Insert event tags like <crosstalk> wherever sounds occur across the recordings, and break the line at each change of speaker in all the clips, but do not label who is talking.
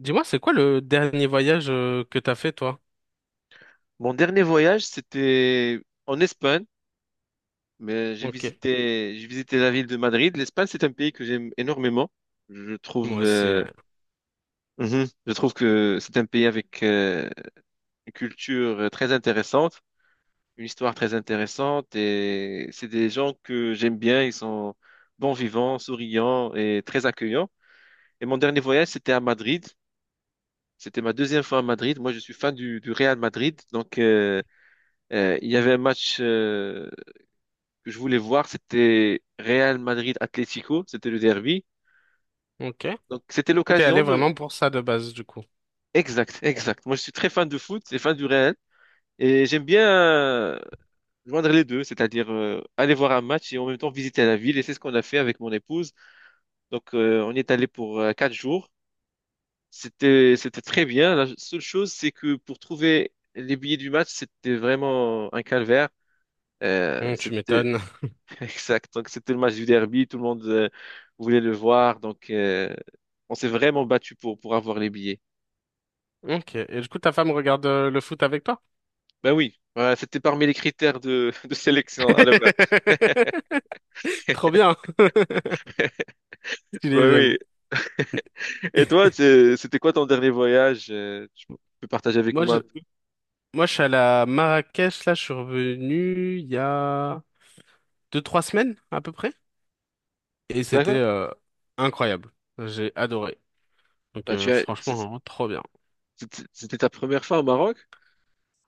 Dis-moi, c'est quoi le dernier voyage que t'as fait, toi?
Mon dernier voyage, c'était en Espagne, mais j'ai
Ok.
visité, j'ai visité la ville de Madrid. L'Espagne, c'est un pays que j'aime énormément. Je trouve,
Moi aussi, ouais.
mhm, je trouve que c'est un pays avec une culture très intéressante, une histoire très intéressante, et c'est des gens que j'aime bien. Ils sont bons vivants, souriants et très accueillants. Et mon dernier voyage, c'était à Madrid. C'était ma deuxième fois à Madrid. Moi, je suis fan du Real Madrid, donc il y avait un match. Que je voulais voir, c'était Real Madrid-Atlético, c'était le derby.
Ok.
Donc c'était
T'es allé
l'occasion de...
vraiment pour ça de base, du coup.
Exact, exact. Moi je suis très fan de foot et fan du Real. Et j'aime bien joindre les deux, c'est-à-dire aller voir un match et en même temps visiter la ville. Et c'est ce qu'on a fait avec mon épouse. Donc on y est allé pour quatre jours. C'était très bien. La seule chose, c'est que pour trouver les billets du match, c'était vraiment un calvaire.
Tu
C'était
m'étonnes. <laughs>
exact. Donc, c'était le match du derby. Tout le monde voulait le voir. Donc, on s'est vraiment battu pour avoir les billets.
Ok. Et du coup, ta femme regarde le foot avec toi?
Ben oui. Voilà, c'était parmi les critères de, <laughs> de sélection à la base.
<laughs> Trop bien. <laughs> Stylé,
Ben oui.
j'avoue.
Et toi, c'était quoi ton dernier voyage? Tu peux partager avec
Moi,
moi
je,
un peu?
moi, je suis allé à Marrakech, là, je suis revenu il y a deux, trois semaines, à peu près. Et c'était
D'accord.
incroyable. J'ai adoré. Donc,
Ben,
franchement, trop bien.
c'était ta première fois au Maroc?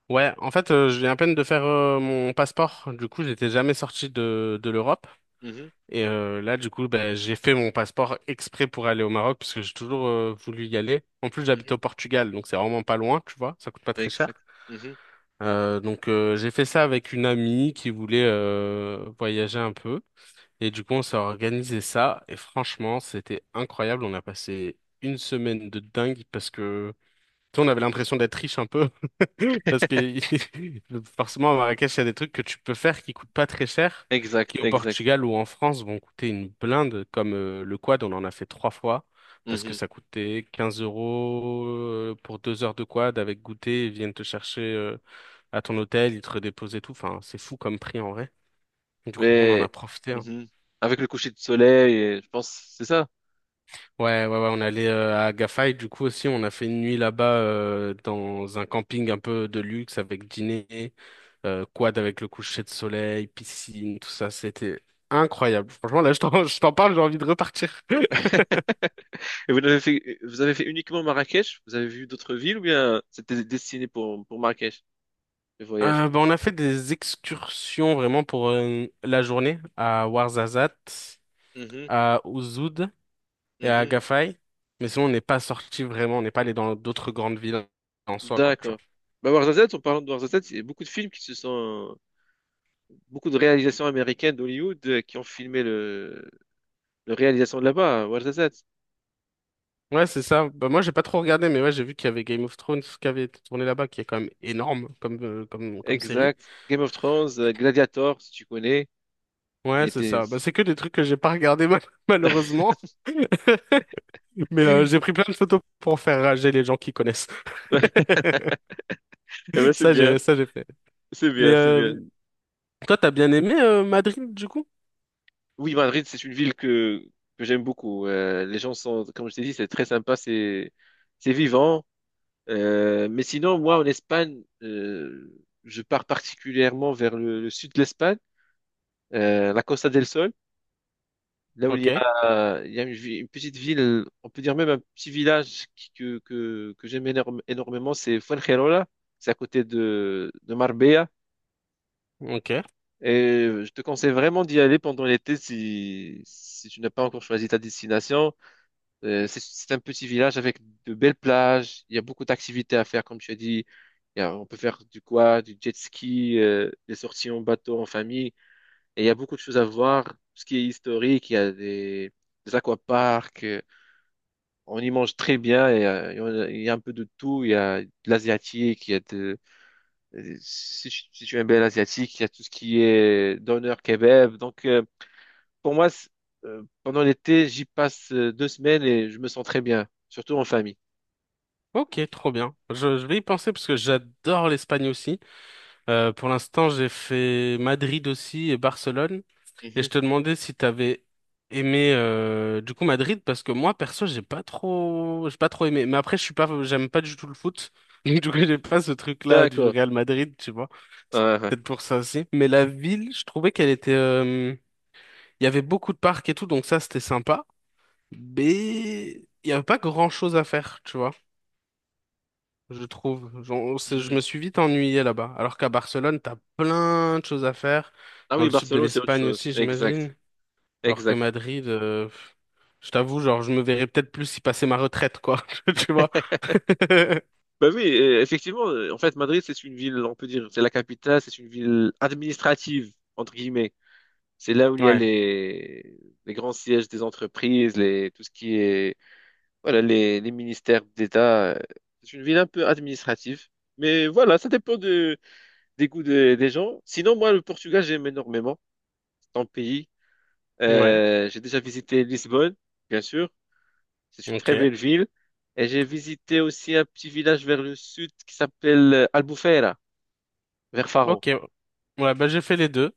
Ouais, en fait, je viens à peine de faire mon passeport. Du coup, j'étais jamais sorti de, l'Europe.
Mhm,
Et là, du coup, ben, j'ai fait mon passeport exprès pour aller au Maroc parce que j'ai toujours voulu y aller. En plus,
mhm.
j'habite au Portugal, donc c'est vraiment pas loin, tu vois. Ça coûte pas très
Exact.
cher.
Mhm.
Donc, j'ai fait ça avec une amie qui voulait voyager un peu. Et du coup, on s'est organisé ça. Et franchement, c'était incroyable. On a passé une semaine de dingue parce que, tu sais, on avait l'impression d'être riche un peu. Parce que <laughs> forcément, à Marrakech, il y a des trucs que tu peux faire qui coûtent pas très cher,
Exact,
qui au
exact.
Portugal ou en France vont coûter une blinde, comme le quad, on en a fait trois fois, parce que
Mhm.
ça coûtait 15 € pour 2 heures de quad avec goûter, ils viennent te chercher à ton hôtel, ils te redéposent et tout. Enfin, c'est fou comme prix en vrai. Du coup, on en
Mais
a profité, hein.
mhm. Avec le coucher de soleil, je pense, c'est ça.
Ouais, ouais, ouais, on est allé à Agafay, du coup aussi, on a fait une nuit là-bas dans un camping un peu de luxe avec dîner. Quad avec le coucher de soleil, piscine, tout ça, c'était incroyable. Franchement, là, je t'en, <laughs> je t'en parle, j'ai envie de repartir. <laughs>
Vous avez fait uniquement Marrakech? Vous avez vu d'autres villes ou bien c'était destiné pour Marrakech, le voyage?
Bah, on a fait des excursions vraiment pour la journée à Ouarzazate,
Mhm,
à Ouzoud et à
mhm.
Agafay. Mais sinon, on n'est pas sorti vraiment, on n'est pas allé dans d'autres grandes villes en soi, quoi, tu
D'accord. Bah, Warzazat, en parlant de Warzazat, il y a beaucoup de films beaucoup de réalisations américaines d'Hollywood qui ont filmé le réalisation de là-bas, à Ouarzazate.
vois. Ouais, c'est ça. Bah, moi, j'ai pas trop regardé, mais ouais, j'ai vu qu'il y avait Game of Thrones qui avait été tourné là-bas, qui est quand même énorme comme série.
Exact. Game of Thrones, Gladiator, si tu connais, il
Ouais, c'est
était,
ça. Bah, c'est que des trucs que j'ai pas regardé mal- <laughs>
<laughs>
malheureusement. <laughs> Mais j'ai pris plein de photos pour faire rager les gens qui connaissent. <laughs>
Ouais, eh ben, c'est
Ça,
bien,
j'ai, ça, j'ai fait.
c'est
Mais
bien, c'est bien.
toi, t'as bien aimé Madrid, du coup?
Oui, Madrid, c'est une ville que j'aime beaucoup. Les gens sont, comme je t'ai dit, c'est très sympa, c'est vivant. Mais sinon, moi, en Espagne, je pars particulièrement vers le sud de l'Espagne, la Costa del Sol, là où
Ok,
il y a une petite ville, on peut dire même un petit village que j'énormément, c'est Fuengirola, c'est à côté de Marbella.
ok,
Et je te conseille vraiment d'y aller pendant l'été si tu n'as pas encore choisi ta destination. C'est un petit village avec de belles plages. Il y a beaucoup d'activités à faire, comme tu as dit. On peut faire du quad, du jet ski, des sorties en bateau, en famille. Et il y a beaucoup de choses à voir. Tout ce qui est historique, il y a des aquaparks. On y mange très bien. Il y a un peu de tout. Il y a de l'asiatique. Il y a de, si, Si tu aimes bien l'asiatique, il y a tout ce qui est doner kebab. Pour moi, c'est- Pendant l'été, j'y passe deux semaines et je me sens très bien, surtout en famille.
ok, trop bien. Je vais y penser parce que j'adore l'Espagne aussi. Pour l'instant, j'ai fait Madrid aussi et Barcelone. Et je
Mhm.
te demandais si t'avais aimé du coup Madrid, parce que moi perso j'ai pas trop aimé, mais après je suis pas j'aime pas du tout le foot <laughs> du coup j'ai pas ce truc là du
D'accord.
Real Madrid, tu vois, c'est
Ouais, ouais.
peut-être pour ça aussi. Mais la ville, je trouvais qu'elle était il y avait beaucoup de parcs et tout, donc ça c'était sympa, mais il y avait pas grand chose à faire, tu vois, je trouve. Je
Mhm.
me suis vite ennuyé là-bas, alors qu'à Barcelone t'as plein de choses à faire
Ah
dans
oui,
le sud de
Barcelone, c'est autre
l'Espagne
chose.
aussi,
Exact.
j'imagine. Alors que
Exact.
Madrid, pff, je t'avoue, genre, je me verrais peut-être plus y passer ma retraite, quoi. <laughs> Tu vois?
<laughs>
<laughs>
Ben oui, effectivement, en fait, Madrid, c'est une ville, on peut dire, c'est la capitale, c'est une ville administrative, entre guillemets. C'est là où il y a
Ouais.
les grands sièges des entreprises, tout ce qui est, voilà, les ministères d'État. C'est une ville un peu administrative. Mais voilà, des des gens. Sinon, moi, le Portugal, j'aime énormément. C'est un pays.
Ouais.
J'ai déjà visité Lisbonne, bien sûr. C'est une
Ok.
très belle ville. Et j'ai visité aussi un petit village vers le sud qui s'appelle Albufeira, vers Faro.
Ok. Ouais, bah, j'ai fait les deux.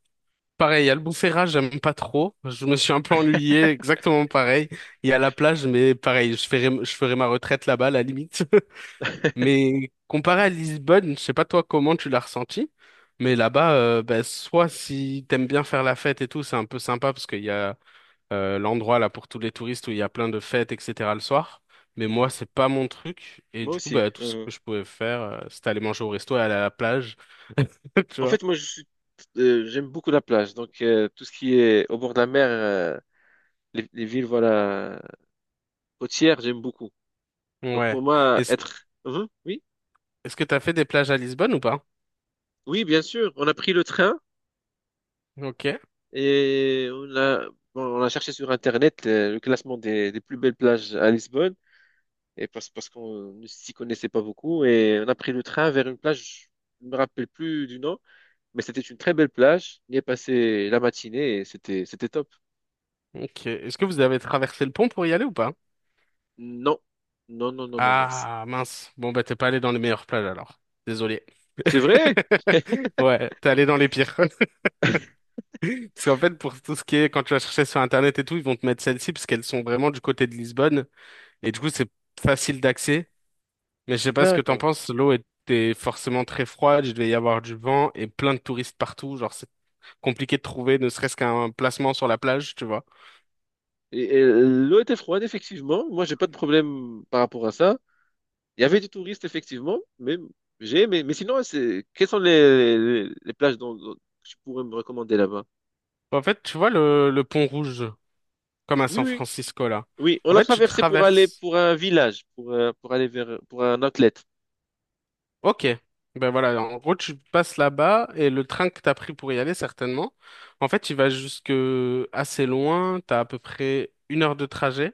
Pareil, il y a le Albufeira, j'aime pas trop. Je me suis un peu ennuyé, exactement pareil. Il y a la plage, mais pareil, je ferai ma retraite là-bas, à la limite. <laughs>
<laughs>
Mais comparé à Lisbonne, je sais pas toi comment tu l'as ressenti, mais là-bas, bah, soit si t'aimes bien faire la fête et tout, c'est un peu sympa parce qu'il y a l'endroit là pour tous les touristes où il y a plein de fêtes, etc. le soir. Mais moi,
Mhm.
c'est pas mon truc. Et
Moi
du coup,
aussi.
bah, tout ce que je pouvais faire, c'était aller manger au resto et aller à la plage. <laughs> Tu
En
vois?
fait, moi, je suis, J'aime beaucoup la plage. Donc, tout ce qui est au bord de la mer, les villes, voilà, côtières, j'aime beaucoup. Donc,
Ouais.
pour moi,
Est-ce,
être... Mhm, oui.
est-ce que t'as fait des plages à Lisbonne ou pas?
Oui, bien sûr. On a pris le train
Ok.
et bon, on a cherché sur Internet le classement des plus belles plages à Lisbonne. Et parce qu'on ne s'y connaissait pas beaucoup. Et on a pris le train vers une plage, je ne me rappelle plus du nom, mais c'était une très belle plage. On y est passé la matinée et c'était top.
Ok. Est-ce que vous avez traversé le pont pour y aller ou pas?
Non, non, non, non, non, non.
Ah, mince. Bon, bah, t'es pas allé dans les meilleures plages alors. Désolé.
C'est vrai?
<laughs> Ouais, t'es allé dans les pires. <laughs> Parce qu'en fait, pour tout ce qui est, quand tu vas chercher sur Internet et tout, ils vont te mettre celles-ci parce qu'elles sont vraiment du côté de Lisbonne. Et du coup, c'est facile d'accès. Mais je sais pas ce que t'en
D'accord.
penses. L'eau était forcément très froide. Il devait y avoir du vent et plein de touristes partout. Genre, c'est compliqué de trouver ne serait-ce qu'un placement sur la plage, tu vois.
Et l'eau était froide, effectivement. Moi, j'ai pas de problème par rapport à ça. Il y avait des touristes, effectivement, mais j'ai aimé. Mais sinon, c'est... quelles sont les plages dont tu pourrais me recommander là-bas?
En fait, tu vois le pont rouge, comme à
Oui,
San
oui,
Francisco, là.
oui. On
En
a
fait, tu
traversé pour aller
traverses.
pour un village, pour aller vers pour un outlet.
Ok. Ben voilà, en gros, tu passes là-bas et le train que t'as pris pour y aller, certainement. En fait, il va jusque assez loin. T'as à peu près une heure de trajet.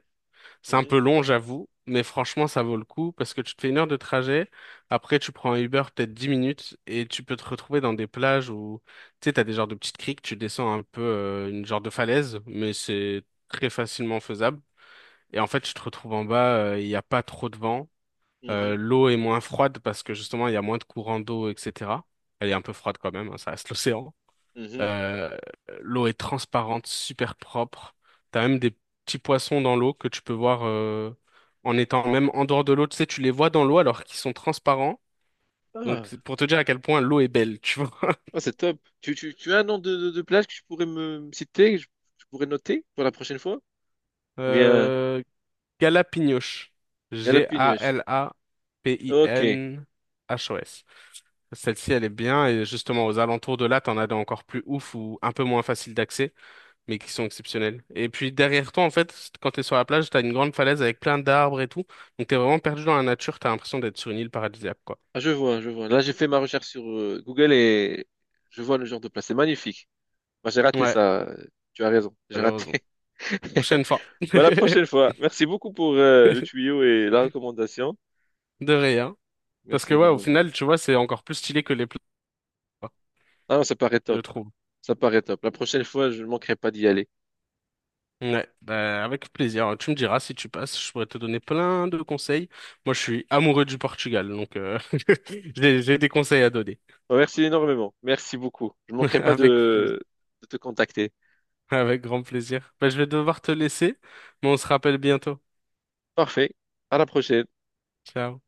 C'est un
Mhm,
peu long, j'avoue, mais franchement, ça vaut le coup parce que tu te fais une heure de trajet. Après, tu prends un Uber peut-être 10 minutes et tu peux te retrouver dans des plages où, tu sais, t'as des genres de petites criques, tu descends un peu une genre de falaise, mais c'est très facilement faisable. Et en fait, tu te retrouves en bas, il n'y a pas trop de vent. Euh,
mhm,
l'eau est moins froide parce que justement, il y a moins de courant d'eau, etc. Elle est un peu froide quand même, hein, ça reste l'océan.
mhm.
Euh, l'eau est transparente, super propre. T'as même des petits poissons dans l'eau que tu peux voir en étant même en dehors de l'eau. Tu sais, tu les vois dans l'eau alors qu'ils sont transparents. Donc,
Ah,
c'est pour te dire à quel point l'eau est belle, tu vois. <laughs>
ah, c'est top. Tu as un nom de plage que tu pourrais me citer, je pourrais noter pour la prochaine fois? Ou bien
Euh, Galapignos.
Galapagos. Ok.
Galapinhos. Celle-ci, elle est bien. Et justement, aux alentours de là, t'en as des encore plus ouf ou un peu moins facile d'accès, mais qui sont exceptionnels. Et puis derrière toi, en fait, quand t'es sur la plage, t'as une grande falaise avec plein d'arbres et tout. Donc t'es vraiment perdu dans la nature, t'as l'impression d'être sur une île paradisiaque, quoi.
Ah, je vois, je vois. Là, j'ai fait ma recherche sur Google et je vois le genre de place. C'est magnifique. Bah, j'ai raté
Ouais,
ça. Tu as raison, j'ai
malheureusement.
raté. <laughs>
Prochaine fois.
Bah, la prochaine
<laughs>
fois. Merci beaucoup pour le tuyau et la recommandation.
De rien. Parce
Merci
que ouais, au
énormément.
final, tu vois, c'est encore plus stylé que les plages, quoi,
Ah non, ça paraît
je
top.
trouve.
Ça paraît top. La prochaine fois, je ne manquerai pas d'y aller.
Ouais, bah, avec plaisir. Tu me diras si tu passes, je pourrais te donner plein de conseils. Moi, je suis amoureux du Portugal, donc <laughs> j'ai des conseils à donner.
Bah, merci énormément. Merci beaucoup. Je ne
<laughs>
manquerai pas
Avec plaisir.
de te contacter.
Avec grand plaisir. Bah, je vais devoir te laisser, mais on se rappelle bientôt.
Parfait. À la prochaine.
Ciao.